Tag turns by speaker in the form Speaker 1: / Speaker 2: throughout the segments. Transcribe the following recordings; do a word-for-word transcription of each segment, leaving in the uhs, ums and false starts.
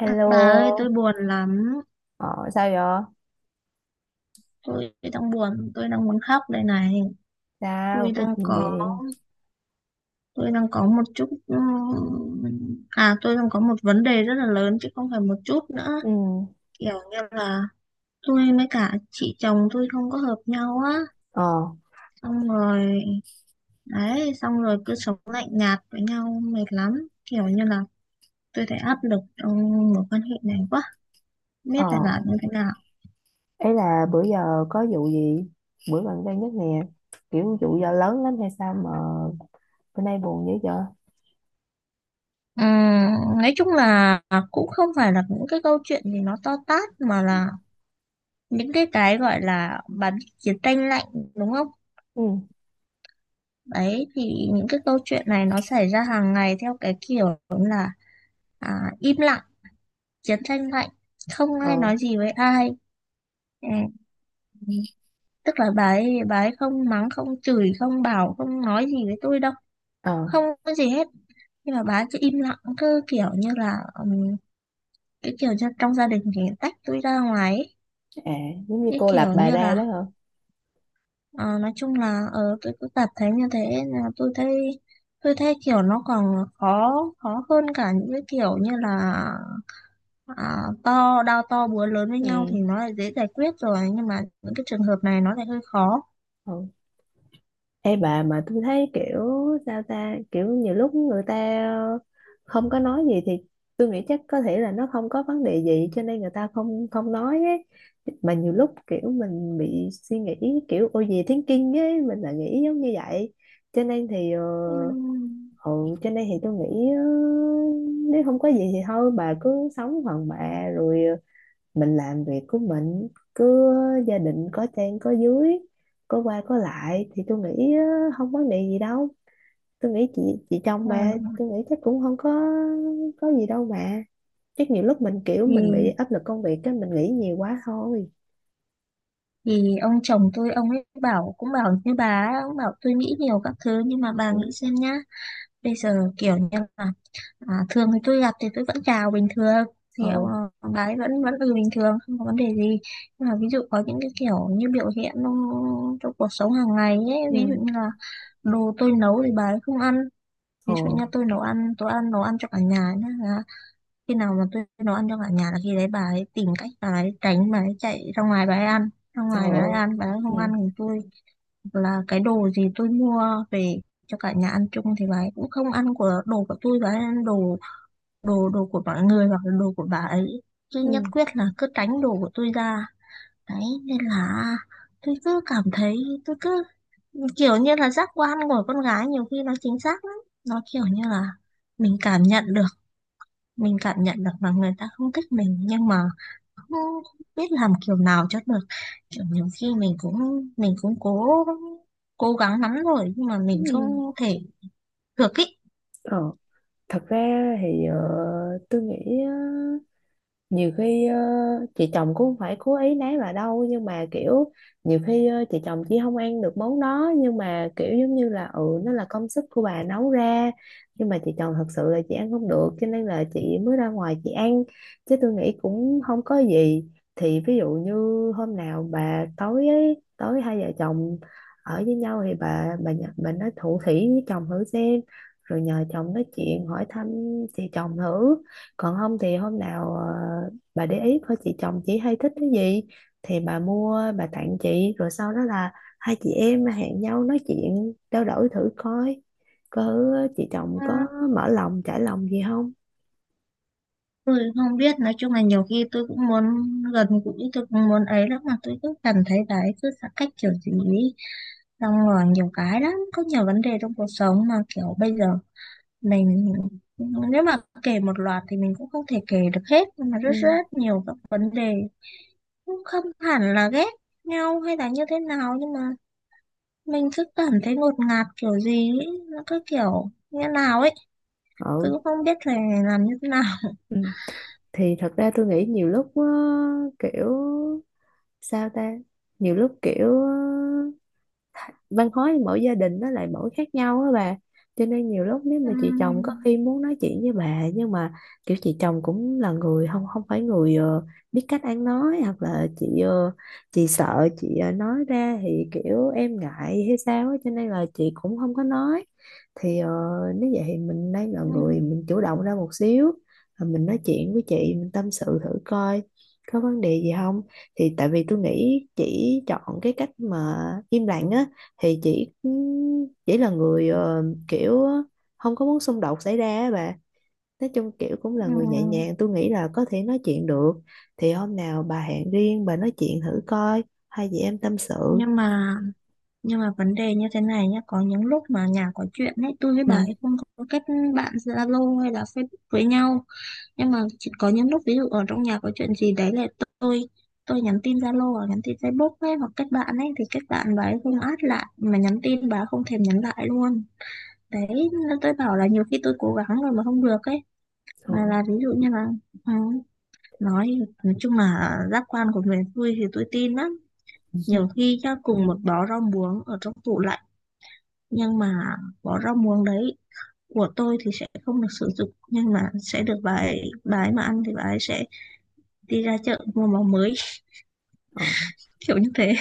Speaker 1: À, bà ơi, tôi buồn lắm.
Speaker 2: Ờ. Sao vậy?
Speaker 1: Tôi đang buồn, tôi đang muốn khóc đây này. Tôi
Speaker 2: Sao, có
Speaker 1: đang
Speaker 2: chuyện gì?
Speaker 1: có, tôi đang có một chút, ừm, à, Tôi đang có một vấn đề rất là lớn chứ không phải một chút nữa.
Speaker 2: Ừ.
Speaker 1: Kiểu như là tôi với cả chị chồng tôi không có hợp nhau á.
Speaker 2: Ờ.
Speaker 1: Xong rồi, đấy, xong rồi cứ sống lạnh nhạt với nhau mệt lắm. Kiểu như là tôi thấy áp lực trong mối quan hệ này quá. Không
Speaker 2: Ờ.
Speaker 1: biết phải làm như thế nào.
Speaker 2: Ấy là bữa giờ có vụ gì? Bữa gần đây nhất nè, kiểu vụ giờ lớn lắm hay sao mà bữa nay buồn dữ vậy?
Speaker 1: Ừm, nói chung là cũng không phải là những cái câu chuyện gì nó to tát mà là những cái cái gọi là bà biết chiến tranh lạnh đúng không?
Speaker 2: Ừ.
Speaker 1: Đấy thì những cái câu chuyện này nó xảy ra hàng ngày theo cái kiểu là à, im lặng, chiến tranh lạnh, không ai
Speaker 2: Ờ.
Speaker 1: nói gì với ai. Ừm, Tức là bà ấy, bà ấy không mắng, không chửi, không bảo, không nói gì với tôi đâu.
Speaker 2: Ờ.
Speaker 1: Không có gì hết. Nhưng mà bà ấy cứ im lặng cứ kiểu như là cái kiểu như trong gia đình thì tách tôi ra ngoài ấy.
Speaker 2: À, giống như
Speaker 1: Cái
Speaker 2: cô lập
Speaker 1: kiểu
Speaker 2: bà
Speaker 1: như
Speaker 2: ra
Speaker 1: là
Speaker 2: đó hả?
Speaker 1: ờ, nói chung là ờ, tôi cứ cảm thấy như thế nên là tôi thấy tôi thấy kiểu nó còn khó khó hơn cả những cái kiểu như là à, to đao to búa lớn với nhau thì
Speaker 2: Ừ.
Speaker 1: nó lại dễ giải quyết rồi, nhưng mà những cái trường hợp này nó lại hơi khó.
Speaker 2: Ừ. Ê bà, mà tôi thấy kiểu sao ta, kiểu nhiều lúc người ta không có nói gì thì tôi nghĩ chắc có thể là nó không có vấn đề gì cho nên người ta không không nói ấy, mà nhiều lúc kiểu mình bị suy nghĩ kiểu ô gì thinking ấy, mình lại nghĩ giống như vậy cho nên thì ờ,
Speaker 1: Ừm,
Speaker 2: ừ, cho nên thì tôi nghĩ ờ, nếu không có gì thì thôi bà cứ sống phần bà rồi ờ, mình làm việc của mình, cứ gia đình có trên có dưới, có qua có lại thì tôi nghĩ á, không vấn đề gì đâu, tôi nghĩ chị chị chồng,
Speaker 1: ờ,
Speaker 2: mà tôi nghĩ chắc cũng không có có gì đâu mà, chắc nhiều lúc mình kiểu mình bị
Speaker 1: thì
Speaker 2: áp lực công việc, cái mình nghĩ nhiều quá thôi.
Speaker 1: thì ông chồng tôi ông ấy bảo cũng bảo như bà ấy, ông bảo tôi nghĩ nhiều các thứ nhưng mà bà nghĩ
Speaker 2: Ừ,
Speaker 1: xem nhá, bây giờ kiểu như là à, thường thì tôi gặp thì tôi vẫn chào bình thường, thì ông,
Speaker 2: ừ,
Speaker 1: ông đấy vẫn vẫn ừ bình thường không có vấn đề gì. Nhưng mà ví dụ có những cái kiểu như biểu hiện nó- trong cuộc sống hàng ngày ấy,
Speaker 2: ừ,
Speaker 1: ví dụ như là đồ tôi nấu thì bà ấy không ăn.
Speaker 2: ừ.
Speaker 1: Ví dụ như tôi nấu ăn, tôi ăn nấu ăn cho cả nhà nhá, là khi nào mà tôi nấu ăn cho cả nhà là khi đấy bà ấy tìm cách bà ấy tránh, bà ấy chạy ra ngoài bà ấy ăn, ra
Speaker 2: Trời
Speaker 1: ngoài bà ấy
Speaker 2: ơi.
Speaker 1: ăn, bà ấy
Speaker 2: Ừ,
Speaker 1: không ăn thì tôi hoặc là cái đồ gì tôi mua về cho cả nhà ăn chung thì bà ấy cũng không ăn của đồ của tôi, và ăn đồ đồ đồ của mọi người hoặc là đồ của bà ấy, chứ nhất
Speaker 2: ừ,
Speaker 1: quyết là cứ tránh đồ của tôi ra. Đấy nên là tôi cứ cảm thấy, tôi cứ kiểu như là giác quan của con gái nhiều khi nó chính xác lắm. Nó kiểu như là mình cảm nhận được mình cảm nhận được là người ta không thích mình, nhưng mà không biết làm kiểu nào cho được. Kiểu nhiều khi mình cũng mình cũng cố cố gắng lắm rồi nhưng mà
Speaker 2: ừ,
Speaker 1: mình không
Speaker 2: ừ.
Speaker 1: thể được ý.
Speaker 2: Ờ, thật ra thì ờ, tôi nghĩ á, nhiều khi ờ, chị chồng cũng không phải cố ý nấy bà đâu, nhưng mà kiểu nhiều khi ờ, chị chồng chỉ không ăn được món đó, nhưng mà kiểu giống như là ừ nó là công sức của bà nấu ra, nhưng mà chị chồng thật sự là chị ăn không được cho nên là chị mới ra ngoài chị ăn, chứ tôi nghĩ cũng không có gì. Thì ví dụ như hôm nào bà tối ấy, tối hai vợ chồng ở với nhau thì bà bà nhờ- bà nói thủ thỉ với chồng thử xem, rồi nhờ chồng nói chuyện hỏi thăm chị chồng thử. Còn không thì hôm nào ờ, bà để ý coi chị chồng chị hay thích cái gì thì bà mua bà tặng chị, rồi sau đó là hai chị em hẹn nhau nói chuyện trao đổi thử coi có chị chồng
Speaker 1: Ừ,
Speaker 2: có mở lòng trải lòng gì không.
Speaker 1: tôi không biết, nói chung là nhiều khi tôi cũng muốn gần gũi, tôi cũng muốn ấy lắm mà tôi cứ cảm thấy đấy cứ xa cách kiểu gì ý. Xong rồi nhiều cái lắm, có nhiều vấn đề trong cuộc sống mà kiểu bây giờ mình nếu mà kể một loạt thì mình cũng không thể kể được hết, nhưng mà rất
Speaker 2: Ừ,
Speaker 1: rất nhiều các vấn đề. Cũng không hẳn là ghét nhau hay là như thế nào nhưng mà mình cứ cảm thấy ngột ngạt kiểu gì ấy. Nó cứ kiểu như nào ấy,
Speaker 2: ừ,
Speaker 1: cứ không biết phải làm như thế nào.
Speaker 2: ừ. Thì thật ra tôi nghĩ nhiều lúc ờ, kiểu sao ta, nhiều lúc kiểu văn hóa mỗi gia đình nó lại mỗi khác nhau á bà, cho nên nhiều lúc nếu mà chị chồng có
Speaker 1: Ừm,
Speaker 2: khi muốn nói chuyện với bà, nhưng mà kiểu chị chồng cũng là người không không phải người ờ, biết cách ăn nói, hoặc là chị ờ, chị sợ chị ờ, nói ra thì kiểu em ngại hay sao á, cho nên là chị cũng không có nói. Thì ờ, nếu vậy thì mình đang là người
Speaker 1: ừm,
Speaker 2: mình chủ động ra một xíu. Rồi mình nói chuyện với chị mình tâm sự thử coi có vấn đề gì không. Thì tại vì tôi nghĩ chỉ chọn cái cách mà im lặng á, thì chỉ chỉ là người ờ, kiểu ờ, không có muốn xung đột xảy ra á bà, nói chung kiểu cũng là người nhẹ
Speaker 1: ừm.
Speaker 2: nhàng, tôi nghĩ là có thể nói chuyện được. Thì hôm nào bà hẹn riêng bà nói chuyện thử coi, hai chị em tâm sự.
Speaker 1: nhưng mà nhưng mà vấn đề như thế này nhá, có những lúc mà nhà có chuyện ấy, tôi với bà
Speaker 2: Ừ.
Speaker 1: ấy không có kết bạn Zalo hay là Facebook với nhau. Nhưng mà chỉ có những lúc ví dụ ở trong nhà có chuyện gì đấy là tôi tôi nhắn tin Zalo hoặc nhắn tin Facebook ấy, hoặc kết bạn ấy, thì kết bạn bà ấy không add lại, mà nhắn tin bà ấy không thèm nhắn lại luôn. Đấy nên tôi bảo là nhiều khi tôi cố gắng rồi mà không được ấy.
Speaker 2: Ờ.
Speaker 1: Mà là ví dụ như là ừ, nói nói chung là giác quan của miền xuôi thì tôi tin lắm. Nhiều khi nhá cùng một bó rau muống ở trong tủ lạnh, nhưng mà bó rau muống đấy của tôi thì sẽ không được sử dụng, nhưng mà sẽ được bà ấy, bà ấy mà ăn thì bà ấy sẽ đi ra chợ mua máu mới.
Speaker 2: Ờ.
Speaker 1: Kiểu như thế.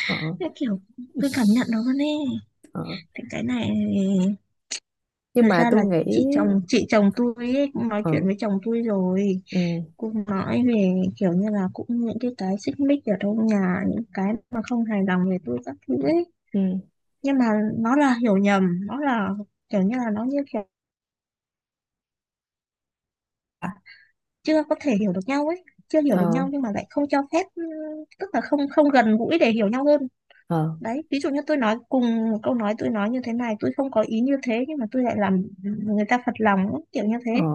Speaker 2: Ờ.
Speaker 1: Thế kiểu tôi cảm nhận nó luôn ấy.
Speaker 2: Ờ.
Speaker 1: Thì cái này
Speaker 2: Nhưng
Speaker 1: thật
Speaker 2: mà
Speaker 1: ra
Speaker 2: tôi
Speaker 1: là
Speaker 2: nghĩ.
Speaker 1: chị chồng chị chồng tôi ấy, cũng nói chuyện
Speaker 2: Ừ,
Speaker 1: với chồng tôi rồi,
Speaker 2: ừ,
Speaker 1: cũng nói về kiểu như là cũng những cái cái xích mích ở trong nhà, những cái mà không hài lòng về tôi các thứ ấy.
Speaker 2: ừ.
Speaker 1: Nhưng mà nó là hiểu nhầm, nó là kiểu như là nó như kiểu chưa có thể hiểu được nhau ấy, chưa hiểu
Speaker 2: Ờ,
Speaker 1: được nhau nhưng mà lại không cho phép ừ, tức là không không gần gũi để hiểu nhau hơn.
Speaker 2: ờ,
Speaker 1: Đấy ví dụ như tôi nói cùng một câu nói, tôi nói như thế này tôi không có ý như thế nhưng mà tôi lại làm người ta phật lòng ấy, kiểu như
Speaker 2: ờ.
Speaker 1: thế.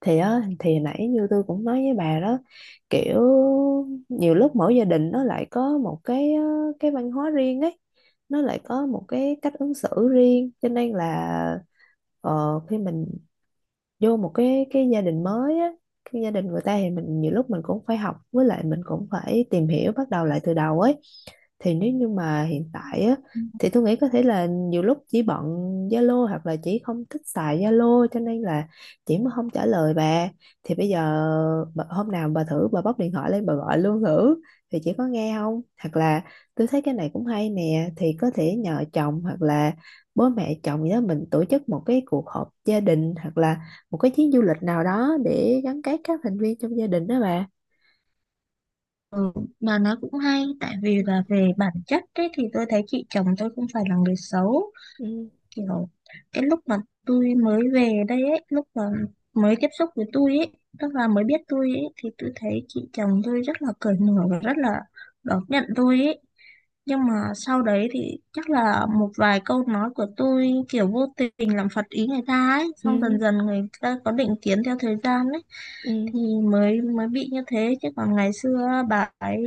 Speaker 2: Thì á, thì nãy như tôi cũng nói với bà đó, kiểu nhiều lúc mỗi gia đình nó lại có một cái ờ, cái văn hóa riêng ấy, nó lại có một cái cách ứng xử riêng cho nên là ờ, khi mình vô một cái cái gia đình mới á, cái gia đình người ta thì mình nhiều lúc mình cũng phải học, với lại mình cũng phải tìm hiểu bắt đầu lại từ đầu ấy. Thì nếu như mà hiện tại á thì tôi nghĩ có thể là nhiều lúc chỉ bận Zalo hoặc là chỉ không thích xài Zalo cho nên là chị mới không trả lời bà. Thì bây giờ bà- hôm nào bà thử bà bóc điện thoại lên bà gọi luôn thử, thì chị có nghe không, hoặc là tôi thấy cái này cũng hay nè, thì có thể nhờ chồng hoặc là bố mẹ chồng gì đó, mình tổ chức một cái cuộc họp gia đình, hoặc là một cái chuyến du lịch nào đó để gắn kết các thành viên trong gia đình đó bà.
Speaker 1: Ừ, mà nó cũng hay tại vì
Speaker 2: Ừ,
Speaker 1: là về bản chất ấy, thì tôi thấy chị chồng tôi không phải là người xấu.
Speaker 2: ừ,
Speaker 1: Kiểu cái lúc mà tôi mới về đây ấy, lúc mà mới tiếp xúc với tôi ấy, tức là mới biết tôi ấy, thì tôi thấy chị chồng tôi rất là cởi mở và rất là đón nhận tôi ấy. Nhưng mà sau đấy thì chắc là một vài câu nói của tôi kiểu vô tình làm phật ý người ta ấy, xong dần
Speaker 2: ừ,
Speaker 1: dần người ta có định kiến theo thời gian ấy.
Speaker 2: ừ.
Speaker 1: Thì mới mới bị như thế, chứ còn ngày xưa bà ấy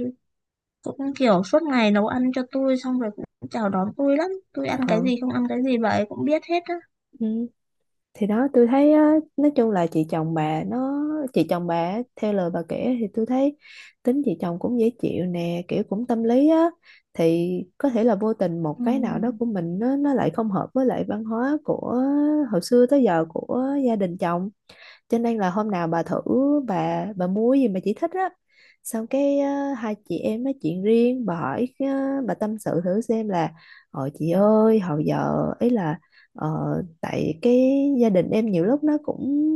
Speaker 1: cũng kiểu suốt ngày nấu ăn cho tôi, xong rồi cũng chào đón tôi lắm, tôi ăn cái
Speaker 2: Ờ.
Speaker 1: gì không ăn cái gì bà ấy cũng biết hết á.
Speaker 2: Ừ. Thì đó tôi thấy á, nói chung là chị chồng bà nó, chị chồng bà á, theo lời bà kể thì tôi thấy tính chị chồng cũng dễ chịu nè, kiểu cũng tâm lý á, thì có thể là vô tình một
Speaker 1: Ừ.
Speaker 2: cái nào đó của mình, nó nó lại không hợp với lại văn hóa của hồi xưa tới giờ của gia đình chồng, cho nên là hôm nào bà thử bà bà mua gì mà chị thích á, xong cái ờ, hai chị em nói chuyện riêng bà hỏi ờ, bà tâm sự thử xem là: ờ chị ơi hồi giờ ấy là ờ, tại cái gia đình em nhiều lúc nó cũng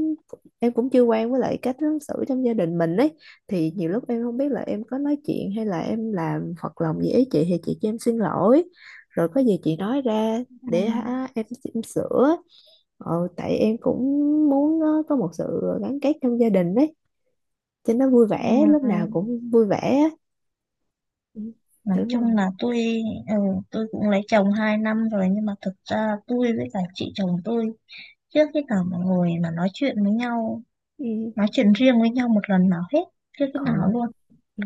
Speaker 2: em cũng chưa quen với lại cách ứng xử trong gia đình mình ấy, thì nhiều lúc em không biết là em có nói chuyện hay là em làm phật lòng gì ấy, chị thì chị cho em xin lỗi, rồi có gì chị nói ra
Speaker 1: Ừ,
Speaker 2: để hả, em, em sửa. Ờ, tại em cũng muốn ờ, có một sự gắn kết trong gia đình ấy cho nó vui vẻ, lúc
Speaker 1: ừ,
Speaker 2: nào cũng vui vẻ á. Ừ,
Speaker 1: nói
Speaker 2: tưởng đâu.
Speaker 1: chung là tôi ừ, tôi cũng lấy chồng hai năm rồi nhưng mà thực ra tôi với cả chị chồng tôi chưa khi nào mà ngồi mà nói chuyện với nhau,
Speaker 2: Ừ,
Speaker 1: nói chuyện riêng với nhau một lần nào hết. Chưa khi
Speaker 2: ờ,
Speaker 1: nào luôn.
Speaker 2: ừ,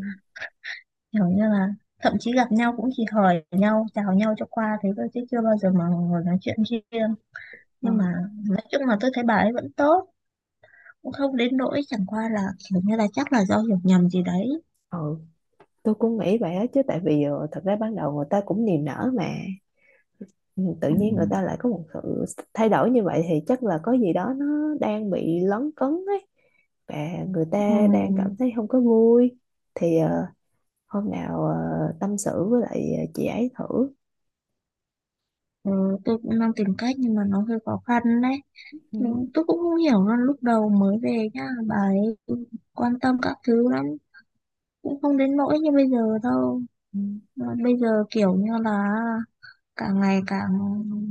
Speaker 1: Kiểu như là thậm chí gặp nhau cũng chỉ hỏi nhau, chào nhau cho qua thế thôi chứ chưa bao giờ mà ngồi nói chuyện riêng.
Speaker 2: ờ,
Speaker 1: Nhưng mà nói chung là tôi thấy bà ấy vẫn tốt, cũng không đến nỗi, chẳng qua là kiểu như là chắc là do hiểu nhầm gì đấy.
Speaker 2: ờ. Tôi cũng nghĩ vậy á, chứ tại vì ờ, thật ra ban đầu người ta cũng niềm nở mà. Ừ, tự
Speaker 1: Ừ.
Speaker 2: nhiên người ta lại có một sự thay đổi như vậy thì chắc là có gì đó nó đang bị lấn cấn ấy, và người ta đang cảm
Speaker 1: Ừ.
Speaker 2: thấy không có vui. Thì ờ, hôm nào ờ, tâm sự với lại ờ, chị ấy thử.
Speaker 1: Ừ, tôi cũng đang tìm cách nhưng mà nó hơi khó khăn đấy. Ừ,
Speaker 2: Ừ,
Speaker 1: tôi cũng không hiểu luôn, lúc đầu mới về nhá, bà ấy quan tâm các thứ lắm, cũng không đến nỗi như bây giờ đâu.
Speaker 2: ừ,
Speaker 1: Ờ, bây giờ kiểu như là càng ngày càng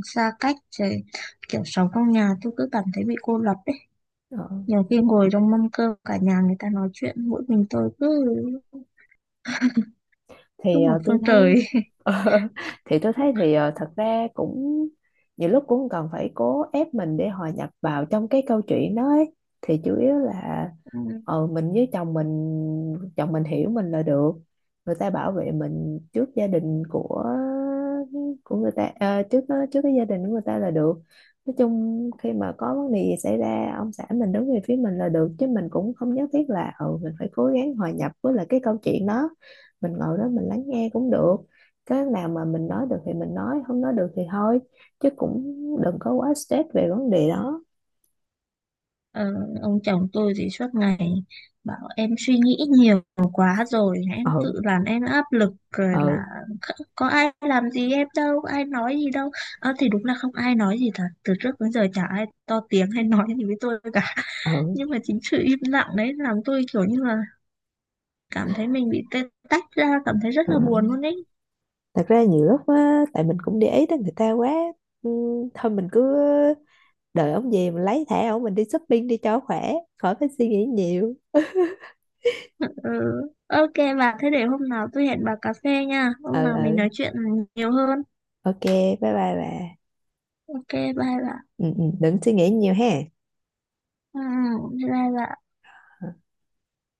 Speaker 1: xa cách rồi, kiểu sống trong nhà tôi cứ cảm thấy bị cô lập ấy.
Speaker 2: ờ.
Speaker 1: Nhiều khi ngồi trong mâm cơm cả nhà người ta nói chuyện mỗi mình tôi cứ cứ
Speaker 2: Thì
Speaker 1: một
Speaker 2: ờ, tôi
Speaker 1: phương trời.
Speaker 2: thấy thì tôi thấy thì ờ, thật ra cũng nhiều lúc cũng không cần phải cố ép mình để hòa nhập vào trong cái câu chuyện đó ấy. Thì chủ yếu là ờ, mình với chồng mình, chồng mình hiểu mình là được, người ta bảo vệ mình trước gia đình của của người ta, ờ, trước trước cái gia đình của người ta là được. Nói chung khi mà có vấn đề gì xảy ra ông xã mình đứng về phía mình là được, chứ mình cũng không nhất thiết là ừ mình phải cố gắng hòa nhập với lại cái câu chuyện đó, mình ngồi đó mình lắng nghe cũng được, cái nào mà mình nói được thì mình nói, không nói được thì thôi, chứ cũng đừng có quá stress về vấn đề đó.
Speaker 1: ờ, ông chồng tôi thì suốt ngày bảo em suy nghĩ nhiều quá rồi em
Speaker 2: Ừ,
Speaker 1: tự làm em áp lực rồi là
Speaker 2: ừ,
Speaker 1: kh- có ai làm gì em đâu, có ai nói gì đâu. Ờ, thì đúng là không ai nói gì thật, từ trước đến giờ chả ai to tiếng hay nói gì với tôi cả.
Speaker 2: ừ.
Speaker 1: Nhưng mà chính sự im lặng đấy làm tôi kiểu như là cảm thấy mình bị tê tách ra, cảm thấy rất
Speaker 2: Ờ.
Speaker 1: là buồn luôn ấy.
Speaker 2: Thật ra nhiều lúc á tại mình cũng để ý tới người ta quá. Ừ, thôi mình cứ đợi ông về mình lấy thẻ ông mình đi shopping đi cho khỏe, khỏi phải suy nghĩ nhiều.
Speaker 1: Ừ. OK, bà thế để hôm nào tôi hẹn bà cà phê nha,
Speaker 2: Ừ,
Speaker 1: hôm nào mình
Speaker 2: ừ.
Speaker 1: nói chuyện nhiều hơn.
Speaker 2: Ok, bye bye bà.
Speaker 1: OK, bye bà.
Speaker 2: Ừ, ừ, đừng suy nghĩ nhiều ha.
Speaker 1: Ừ, bye bà.
Speaker 2: Ừ.